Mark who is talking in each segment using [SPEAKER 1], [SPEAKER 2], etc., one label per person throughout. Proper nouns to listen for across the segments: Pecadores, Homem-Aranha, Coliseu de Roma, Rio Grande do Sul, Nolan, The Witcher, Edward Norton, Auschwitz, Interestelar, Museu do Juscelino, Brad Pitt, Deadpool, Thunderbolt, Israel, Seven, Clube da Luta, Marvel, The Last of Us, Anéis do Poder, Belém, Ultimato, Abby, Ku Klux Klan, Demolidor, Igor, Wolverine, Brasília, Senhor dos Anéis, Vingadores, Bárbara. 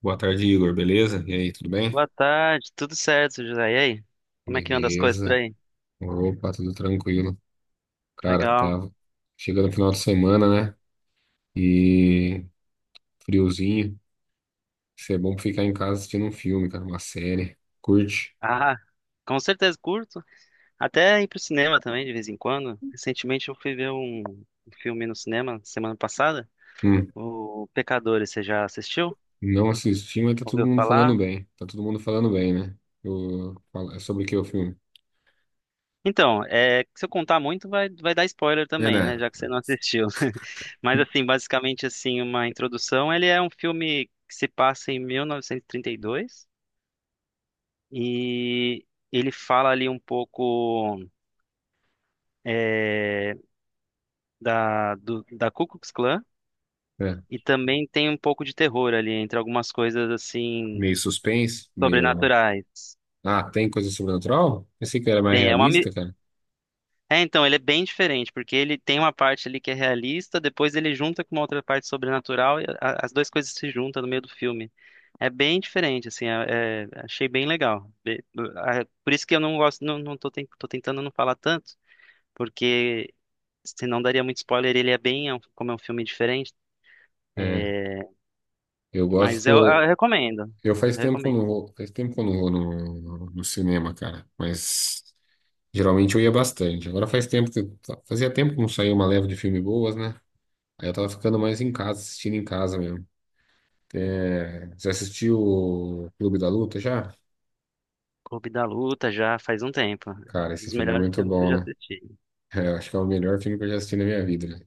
[SPEAKER 1] Boa tarde, Igor, beleza? E aí, tudo bem?
[SPEAKER 2] Boa tarde, tudo certo, José? E aí? Como é que anda as coisas por
[SPEAKER 1] Beleza.
[SPEAKER 2] aí?
[SPEAKER 1] Opa, tudo tranquilo. Cara,
[SPEAKER 2] Legal.
[SPEAKER 1] tava chegando no final de semana, né? E friozinho. Isso é bom pra ficar em casa assistindo um filme, cara, uma série. Curte?
[SPEAKER 2] Ah, com certeza curto. Até ir pro cinema também, de vez em quando. Recentemente eu fui ver um filme no cinema, semana passada.
[SPEAKER 1] Hum,
[SPEAKER 2] O Pecadores, você já assistiu?
[SPEAKER 1] não assisti, mas tá todo
[SPEAKER 2] Ouviu
[SPEAKER 1] mundo
[SPEAKER 2] falar?
[SPEAKER 1] falando bem. Tá todo mundo falando bem, né? É sobre o que o filme?
[SPEAKER 2] Então, se eu contar muito, vai dar spoiler
[SPEAKER 1] É,
[SPEAKER 2] também, né?
[SPEAKER 1] né?
[SPEAKER 2] Já que você não assistiu. Mas, assim, basicamente, assim, uma introdução. Ele é um filme que se passa em 1932 e trinta e dois. E ele fala ali um pouco. é, da Ku Klux Klan
[SPEAKER 1] É.
[SPEAKER 2] e também tem um pouco de terror ali entre algumas coisas
[SPEAKER 1] Meio
[SPEAKER 2] assim
[SPEAKER 1] suspense, meio.
[SPEAKER 2] sobrenaturais.
[SPEAKER 1] Ah, tem coisa sobrenatural? Pensei que era mais
[SPEAKER 2] Tem.
[SPEAKER 1] realista, cara.
[SPEAKER 2] Então, ele é bem diferente, porque ele tem uma parte ali que é realista, depois ele junta com uma outra parte sobrenatural e as duas coisas se juntam no meio do filme. É bem diferente, assim, achei bem legal. Por isso que eu não gosto, não, não tô, tô tentando não falar tanto, porque senão daria muito spoiler, ele é bem, como é um filme diferente,
[SPEAKER 1] É,
[SPEAKER 2] é,
[SPEAKER 1] eu
[SPEAKER 2] mas eu
[SPEAKER 1] gosto.
[SPEAKER 2] recomendo.
[SPEAKER 1] Eu faz tempo que eu não
[SPEAKER 2] Recomendo.
[SPEAKER 1] vou, faz tempo que eu não vou no cinema, cara. Mas geralmente eu ia bastante. Agora faz tempo fazia tempo que não saía uma leva de filme boas, né? Aí eu tava ficando mais em casa, assistindo em casa mesmo. É, você assistiu o Clube da Luta já?
[SPEAKER 2] Clube da Luta já faz um tempo.
[SPEAKER 1] Cara,
[SPEAKER 2] Um
[SPEAKER 1] esse
[SPEAKER 2] dos
[SPEAKER 1] filme é
[SPEAKER 2] melhores
[SPEAKER 1] muito
[SPEAKER 2] filmes que eu
[SPEAKER 1] bom,
[SPEAKER 2] já
[SPEAKER 1] né?
[SPEAKER 2] assisti.
[SPEAKER 1] É, eu acho que é o melhor filme que eu já assisti na minha vida, né?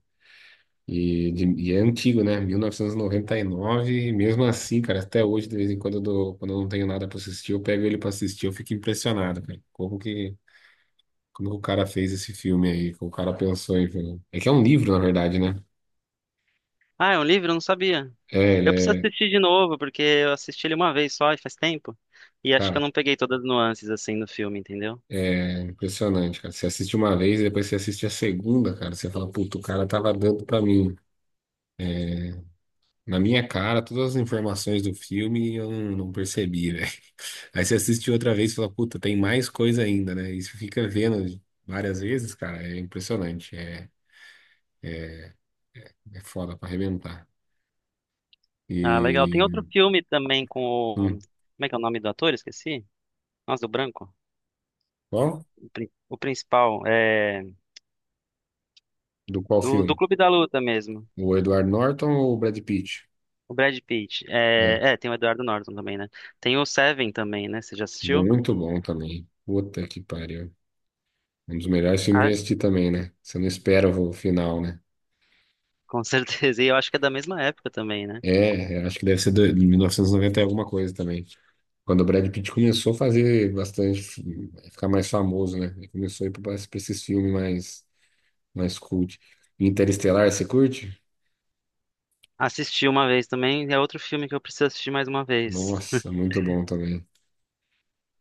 [SPEAKER 1] E é antigo, né? 1999, e noventa e nove, e mesmo assim, cara, até hoje, de vez em quando, quando eu não tenho nada pra assistir, eu pego ele pra assistir, eu fico impressionado, cara. Como que o cara fez esse filme aí? Como o cara pensou em fazer? É que é um livro, na verdade, né?
[SPEAKER 2] Ah, é um livro? Eu não sabia.
[SPEAKER 1] É, ele
[SPEAKER 2] Eu preciso
[SPEAKER 1] é.
[SPEAKER 2] assistir de novo, porque eu assisti ele uma vez só e faz tempo. E acho que eu
[SPEAKER 1] Cara,
[SPEAKER 2] não peguei todas as nuances assim do filme, entendeu?
[SPEAKER 1] é impressionante, cara. Você assiste uma vez e depois você assiste a segunda, cara. Você fala, puta, o cara tava dando pra mim. É, na minha cara, todas as informações do filme e eu não percebi, velho. Aí você assiste outra vez e fala, puta, tem mais coisa ainda, né? E você fica vendo várias vezes, cara. É impressionante. É, é foda pra arrebentar.
[SPEAKER 2] Ah, legal. Tem
[SPEAKER 1] E.
[SPEAKER 2] outro filme também com o.
[SPEAKER 1] Hum,
[SPEAKER 2] Como é que é o nome do ator? Esqueci. Nossa, do branco.
[SPEAKER 1] qual?
[SPEAKER 2] O principal.
[SPEAKER 1] Do qual
[SPEAKER 2] Do
[SPEAKER 1] filme?
[SPEAKER 2] Clube da Luta mesmo.
[SPEAKER 1] O Edward Norton ou o Brad Pitt?
[SPEAKER 2] O Brad Pitt.
[SPEAKER 1] É,
[SPEAKER 2] Tem o Eduardo Norton também, né? Tem o Seven também, né? Você já assistiu?
[SPEAKER 1] muito bom também. Puta que pariu. Um dos melhores filmes que eu
[SPEAKER 2] Ah,
[SPEAKER 1] já assisti também, né? Você não espera o final, né?
[SPEAKER 2] com certeza. E eu acho que é da mesma época também, né?
[SPEAKER 1] É, eu acho que deve ser de 1990 e noventa e alguma coisa também. Quando o Brad Pitt começou a fazer bastante, ficar mais famoso, né? Ele começou a ir para esses filmes mais cult. Interestelar, você curte?
[SPEAKER 2] Assisti uma vez também, é outro filme que eu preciso assistir mais uma vez.
[SPEAKER 1] Nossa, muito bom também.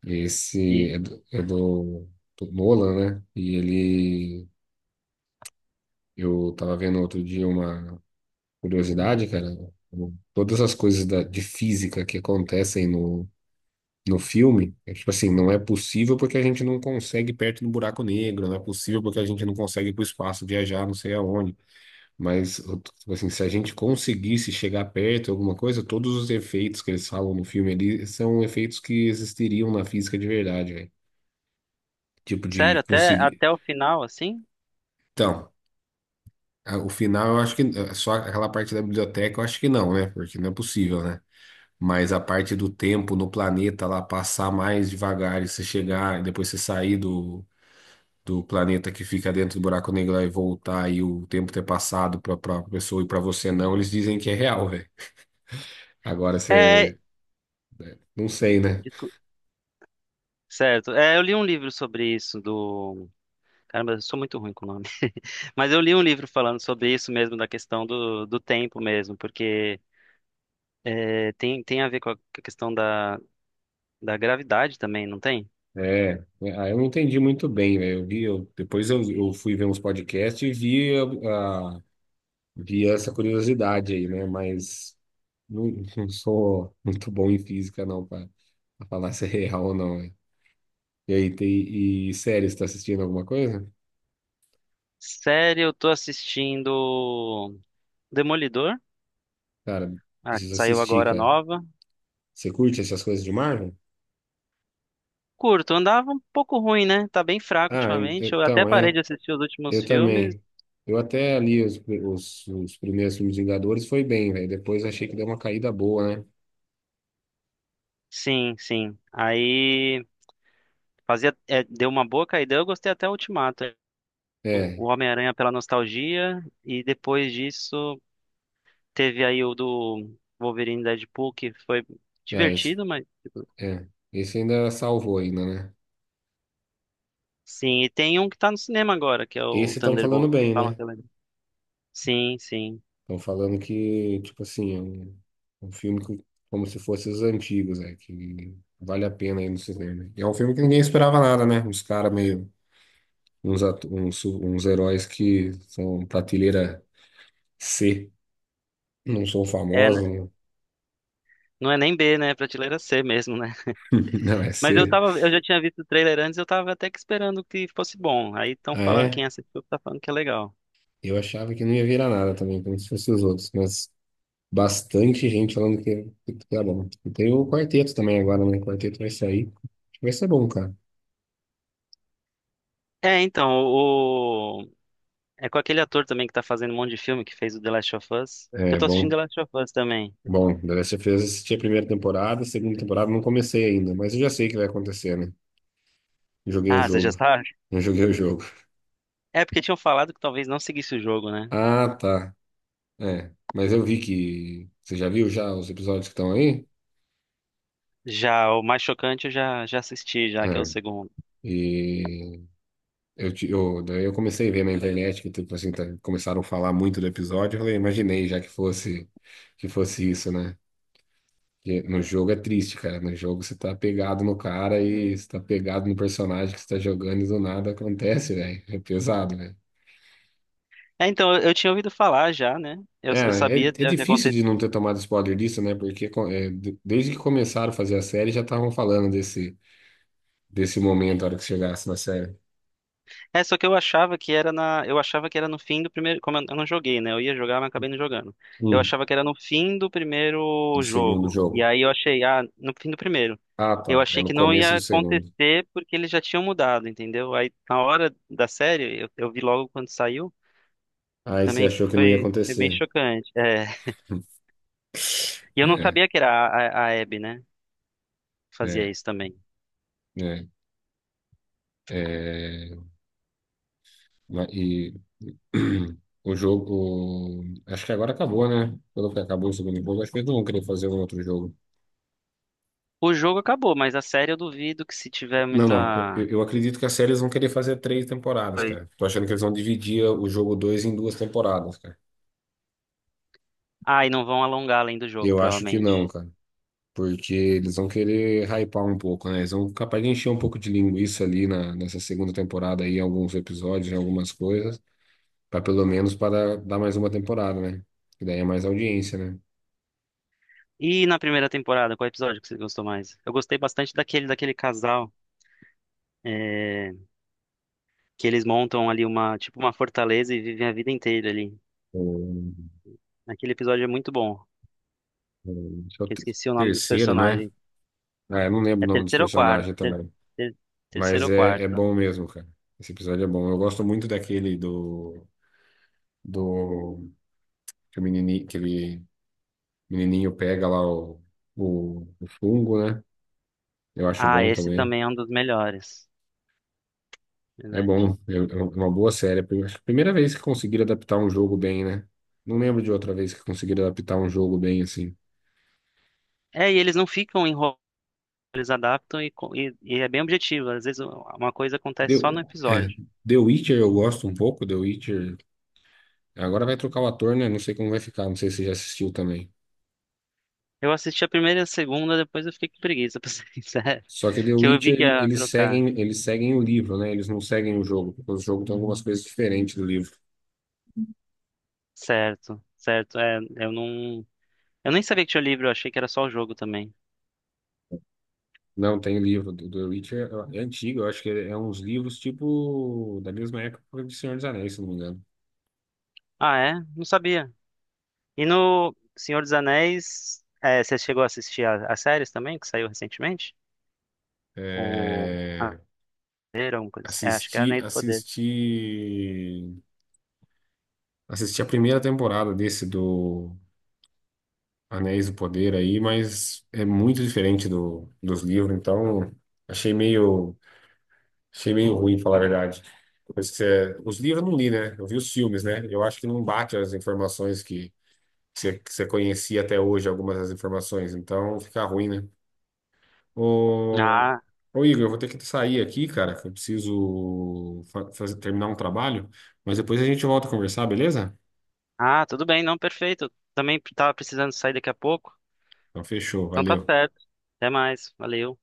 [SPEAKER 1] Esse
[SPEAKER 2] E,
[SPEAKER 1] é do Nolan, né? E ele. Eu tava vendo outro dia uma curiosidade, cara, todas as coisas de física que acontecem no filme, é tipo assim, não é possível porque a gente não consegue ir perto do buraco negro, não é possível porque a gente não consegue ir para o espaço, viajar, não sei aonde. Mas, tipo assim, se a gente conseguisse chegar perto de alguma coisa, todos os efeitos que eles falam no filme ali são efeitos que existiriam na física de verdade, velho. Tipo de
[SPEAKER 2] sério, até,
[SPEAKER 1] conseguir.
[SPEAKER 2] até o final, assim?
[SPEAKER 1] Então, o final, eu acho que só aquela parte da biblioteca, eu acho que não, né? Porque não é possível, né? Mas a parte do tempo no planeta lá passar mais devagar e você chegar, e depois você sair do planeta que fica dentro do buraco negro lá e voltar e o tempo ter passado para a pessoa e para você não, eles dizem que é real, velho. Agora
[SPEAKER 2] É.
[SPEAKER 1] você. Não sei, né?
[SPEAKER 2] discu- Certo. É, eu li um livro sobre isso, do. Caramba, eu sou muito ruim com o nome. Mas eu li um livro falando sobre isso mesmo, da questão do tempo mesmo, porque tem a ver com a questão da gravidade também, não tem?
[SPEAKER 1] É, é, ah, eu não entendi muito bem, velho. Eu vi, depois eu fui ver uns podcasts e vi, a, a- vi essa curiosidade aí, né? Mas não, não sou muito bom em física, não, para falar se é real ou não. E aí, e série, você tá assistindo alguma coisa?
[SPEAKER 2] Sério, eu tô assistindo Demolidor,
[SPEAKER 1] Cara,
[SPEAKER 2] ah, que
[SPEAKER 1] preciso
[SPEAKER 2] saiu
[SPEAKER 1] assistir,
[SPEAKER 2] agora
[SPEAKER 1] cara.
[SPEAKER 2] nova.
[SPEAKER 1] Você curte essas coisas de Marvel?
[SPEAKER 2] Curto, andava um pouco ruim, né? Tá bem fraco
[SPEAKER 1] Ah,
[SPEAKER 2] ultimamente. Eu até
[SPEAKER 1] então,
[SPEAKER 2] parei de assistir os últimos
[SPEAKER 1] eu
[SPEAKER 2] filmes.
[SPEAKER 1] também. Eu até ali os primeiros filmes Vingadores foi bem, velho. Depois achei que deu uma caída boa, né?
[SPEAKER 2] Sim, sim. Aí fazia, deu uma boa caída. Eu gostei até o Ultimato.
[SPEAKER 1] É,
[SPEAKER 2] O Homem-Aranha pela nostalgia. E depois disso, teve aí o do Wolverine e Deadpool, que foi
[SPEAKER 1] ah,
[SPEAKER 2] divertido, mas. Tipo,
[SPEAKER 1] é, esse ainda salvou ainda, né?
[SPEAKER 2] sim, e tem um que tá no cinema agora, que é o
[SPEAKER 1] Esse estão falando
[SPEAKER 2] Thunderbolt, que
[SPEAKER 1] bem,
[SPEAKER 2] falam
[SPEAKER 1] né?
[SPEAKER 2] que é legal. Sim, sim.
[SPEAKER 1] Estão falando que, tipo assim, é um filme como se fosse os antigos, que vale a pena ir no cinema. E é um filme que ninguém esperava nada, né? Os caras meio uns heróis que são prateleira C, não são
[SPEAKER 2] É, né?
[SPEAKER 1] famosos, não,
[SPEAKER 2] Não é nem B, né? É prateleira C mesmo, né?
[SPEAKER 1] não é
[SPEAKER 2] Mas
[SPEAKER 1] C.
[SPEAKER 2] eu já tinha visto o trailer antes, eu tava até que esperando que fosse bom. Aí estão
[SPEAKER 1] Ah,
[SPEAKER 2] falando, quem
[SPEAKER 1] é?
[SPEAKER 2] assistiu tá falando que é legal.
[SPEAKER 1] Eu achava que não ia virar nada também, como se fossem os outros, mas bastante gente falando que tá bom. E tem o quarteto também agora, né? O quarteto vai sair. Acho que vai ser bom, cara.
[SPEAKER 2] É, então, é com aquele ator também que tá fazendo um monte de filme que fez o The Last of Us. Que eu
[SPEAKER 1] É,
[SPEAKER 2] tô assistindo The
[SPEAKER 1] bom.
[SPEAKER 2] Last of Us também.
[SPEAKER 1] Bom, The Last of Us assisti a primeira temporada, a segunda temporada não comecei ainda, mas eu já sei o que vai acontecer, né? Joguei o
[SPEAKER 2] Ah, você já
[SPEAKER 1] jogo.
[SPEAKER 2] sabe?
[SPEAKER 1] Não joguei o jogo.
[SPEAKER 2] É porque tinham falado que talvez não seguisse o jogo, né?
[SPEAKER 1] Ah, tá. É, mas eu vi que. Você já viu já os episódios que estão aí?
[SPEAKER 2] Já o mais chocante eu já assisti já, que é o
[SPEAKER 1] É.
[SPEAKER 2] segundo.
[SPEAKER 1] E daí eu comecei a ver na internet que tipo assim, começaram a falar muito do episódio. Eu falei, imaginei já que fosse isso, né? Porque no jogo é triste, cara. No jogo você tá pegado no cara e você tá pegado no personagem que você tá jogando e do nada acontece, velho. É pesado, velho.
[SPEAKER 2] É, então, eu tinha ouvido falar já, né? Eu,
[SPEAKER 1] É,
[SPEAKER 2] eu
[SPEAKER 1] é,
[SPEAKER 2] sabia
[SPEAKER 1] é
[SPEAKER 2] o que
[SPEAKER 1] difícil
[SPEAKER 2] aconteceu.
[SPEAKER 1] de não ter tomado spoiler disso, né? Porque desde que começaram a fazer a série já estavam falando desse momento, a hora que chegasse na série.
[SPEAKER 2] É, só que eu achava que era no fim do primeiro, como eu não joguei, né? Eu ia jogar, mas acabei não jogando. Eu
[SPEAKER 1] Hum,
[SPEAKER 2] achava que era no fim do
[SPEAKER 1] do
[SPEAKER 2] primeiro
[SPEAKER 1] segundo
[SPEAKER 2] jogo. E
[SPEAKER 1] jogo.
[SPEAKER 2] aí eu achei, ah, no fim do primeiro.
[SPEAKER 1] Ah,
[SPEAKER 2] Eu
[SPEAKER 1] tá. É
[SPEAKER 2] achei
[SPEAKER 1] no
[SPEAKER 2] que não
[SPEAKER 1] começo
[SPEAKER 2] ia
[SPEAKER 1] do segundo.
[SPEAKER 2] acontecer porque eles já tinham mudado, entendeu? Aí na hora da série, eu vi logo quando saiu,
[SPEAKER 1] Aí você
[SPEAKER 2] também
[SPEAKER 1] achou que não ia
[SPEAKER 2] foi bem
[SPEAKER 1] acontecer.
[SPEAKER 2] chocante. É. E eu não
[SPEAKER 1] É,
[SPEAKER 2] sabia que era a Abby, né, que fazia
[SPEAKER 1] é,
[SPEAKER 2] isso também.
[SPEAKER 1] é, é. E o jogo. Acho que agora acabou, né? Quando que acabou o segundo jogo, acho que eles não vão querer fazer um outro jogo.
[SPEAKER 2] O jogo acabou, mas a série eu duvido que se tiver
[SPEAKER 1] Não, não. Eu,
[SPEAKER 2] muita.
[SPEAKER 1] eu eu acredito que a série eles vão querer fazer três temporadas,
[SPEAKER 2] Foi.
[SPEAKER 1] cara. Tô achando que eles vão dividir o jogo dois em duas temporadas, cara.
[SPEAKER 2] Ah, e não vão alongar além do jogo,
[SPEAKER 1] Eu acho que
[SPEAKER 2] provavelmente.
[SPEAKER 1] não, cara. Porque eles vão querer hypar um pouco, né? Eles vão capaz de encher um pouco de linguiça ali nessa segunda temporada aí, em alguns episódios, em algumas coisas, para pelo menos para dar mais uma temporada, né? Que daí é mais audiência, né?
[SPEAKER 2] E na primeira temporada, qual episódio que você gostou mais? Eu gostei bastante daquele casal é, que eles montam ali uma tipo uma fortaleza e vivem a vida inteira ali.
[SPEAKER 1] O,
[SPEAKER 2] Aquele episódio é muito bom.
[SPEAKER 1] esse é o
[SPEAKER 2] Eu
[SPEAKER 1] te-
[SPEAKER 2] esqueci o nome dos
[SPEAKER 1] terceiro, não é?
[SPEAKER 2] personagens.
[SPEAKER 1] Ah, eu não lembro
[SPEAKER 2] É
[SPEAKER 1] o nome dos
[SPEAKER 2] terceiro ou quarto?
[SPEAKER 1] personagens também.
[SPEAKER 2] Ter- terceiro
[SPEAKER 1] Mas
[SPEAKER 2] ou
[SPEAKER 1] é
[SPEAKER 2] quarto?
[SPEAKER 1] bom mesmo, cara. Esse episódio é bom. Eu gosto muito daquele do que o menininho pega lá o fungo, né? Eu acho
[SPEAKER 2] Ah,
[SPEAKER 1] bom
[SPEAKER 2] esse
[SPEAKER 1] também.
[SPEAKER 2] também é um dos melhores.
[SPEAKER 1] É
[SPEAKER 2] Verdade.
[SPEAKER 1] bom, é uma boa série. Acho que a primeira vez que conseguiram adaptar um jogo bem, né? Não lembro de outra vez que conseguiram adaptar um jogo bem assim.
[SPEAKER 2] É, e eles não ficam enrolados, eles adaptam e é bem objetivo. Às vezes uma coisa
[SPEAKER 1] The,
[SPEAKER 2] acontece só no
[SPEAKER 1] é,
[SPEAKER 2] episódio.
[SPEAKER 1] The Witcher eu gosto um pouco, The Witcher. Agora vai trocar o ator, né? Não sei como vai ficar, não sei se você já assistiu também.
[SPEAKER 2] Eu assisti a primeira e a segunda, depois eu fiquei com preguiça, pra ser sincero.
[SPEAKER 1] Só que The
[SPEAKER 2] Que eu vi
[SPEAKER 1] Witcher,
[SPEAKER 2] que ia
[SPEAKER 1] eles
[SPEAKER 2] trocar.
[SPEAKER 1] seguem, eles seguem o livro, né? Eles não seguem o jogo, porque o jogo tem algumas coisas diferentes do livro.
[SPEAKER 2] Certo, certo. É, eu não. Eu nem sabia que tinha livro, eu achei que era só o jogo também.
[SPEAKER 1] Não, tem livro. Do The Witcher é antigo, eu acho que é uns livros tipo da mesma época do Senhor dos Anéis, se não me engano.
[SPEAKER 2] Ah, é? Não sabia. E no Senhor dos Anéis, você chegou a assistir as séries também, que saiu recentemente? O. Ah,
[SPEAKER 1] É.
[SPEAKER 2] era uma coisa assim. É, acho que é
[SPEAKER 1] Assisti,
[SPEAKER 2] Anéis do Poder.
[SPEAKER 1] assisti, assisti a primeira temporada desse do Anéis do Poder aí, mas é muito diferente dos livros, então achei meio, achei meio ruim, falar a verdade. Pois que os livros eu não li, né? Eu vi os filmes, né? Eu acho que não bate as informações que você conhecia até hoje, algumas das informações, então fica ruim, né? Ô,
[SPEAKER 2] Ah,
[SPEAKER 1] ô Igor, eu vou ter que sair aqui, cara, que eu preciso terminar um trabalho, mas depois a gente volta a conversar, beleza?
[SPEAKER 2] ah, tudo bem, não, perfeito. Também tava precisando sair daqui a pouco.
[SPEAKER 1] Então, fechou,
[SPEAKER 2] Então tá
[SPEAKER 1] valeu.
[SPEAKER 2] certo. Até mais. Valeu.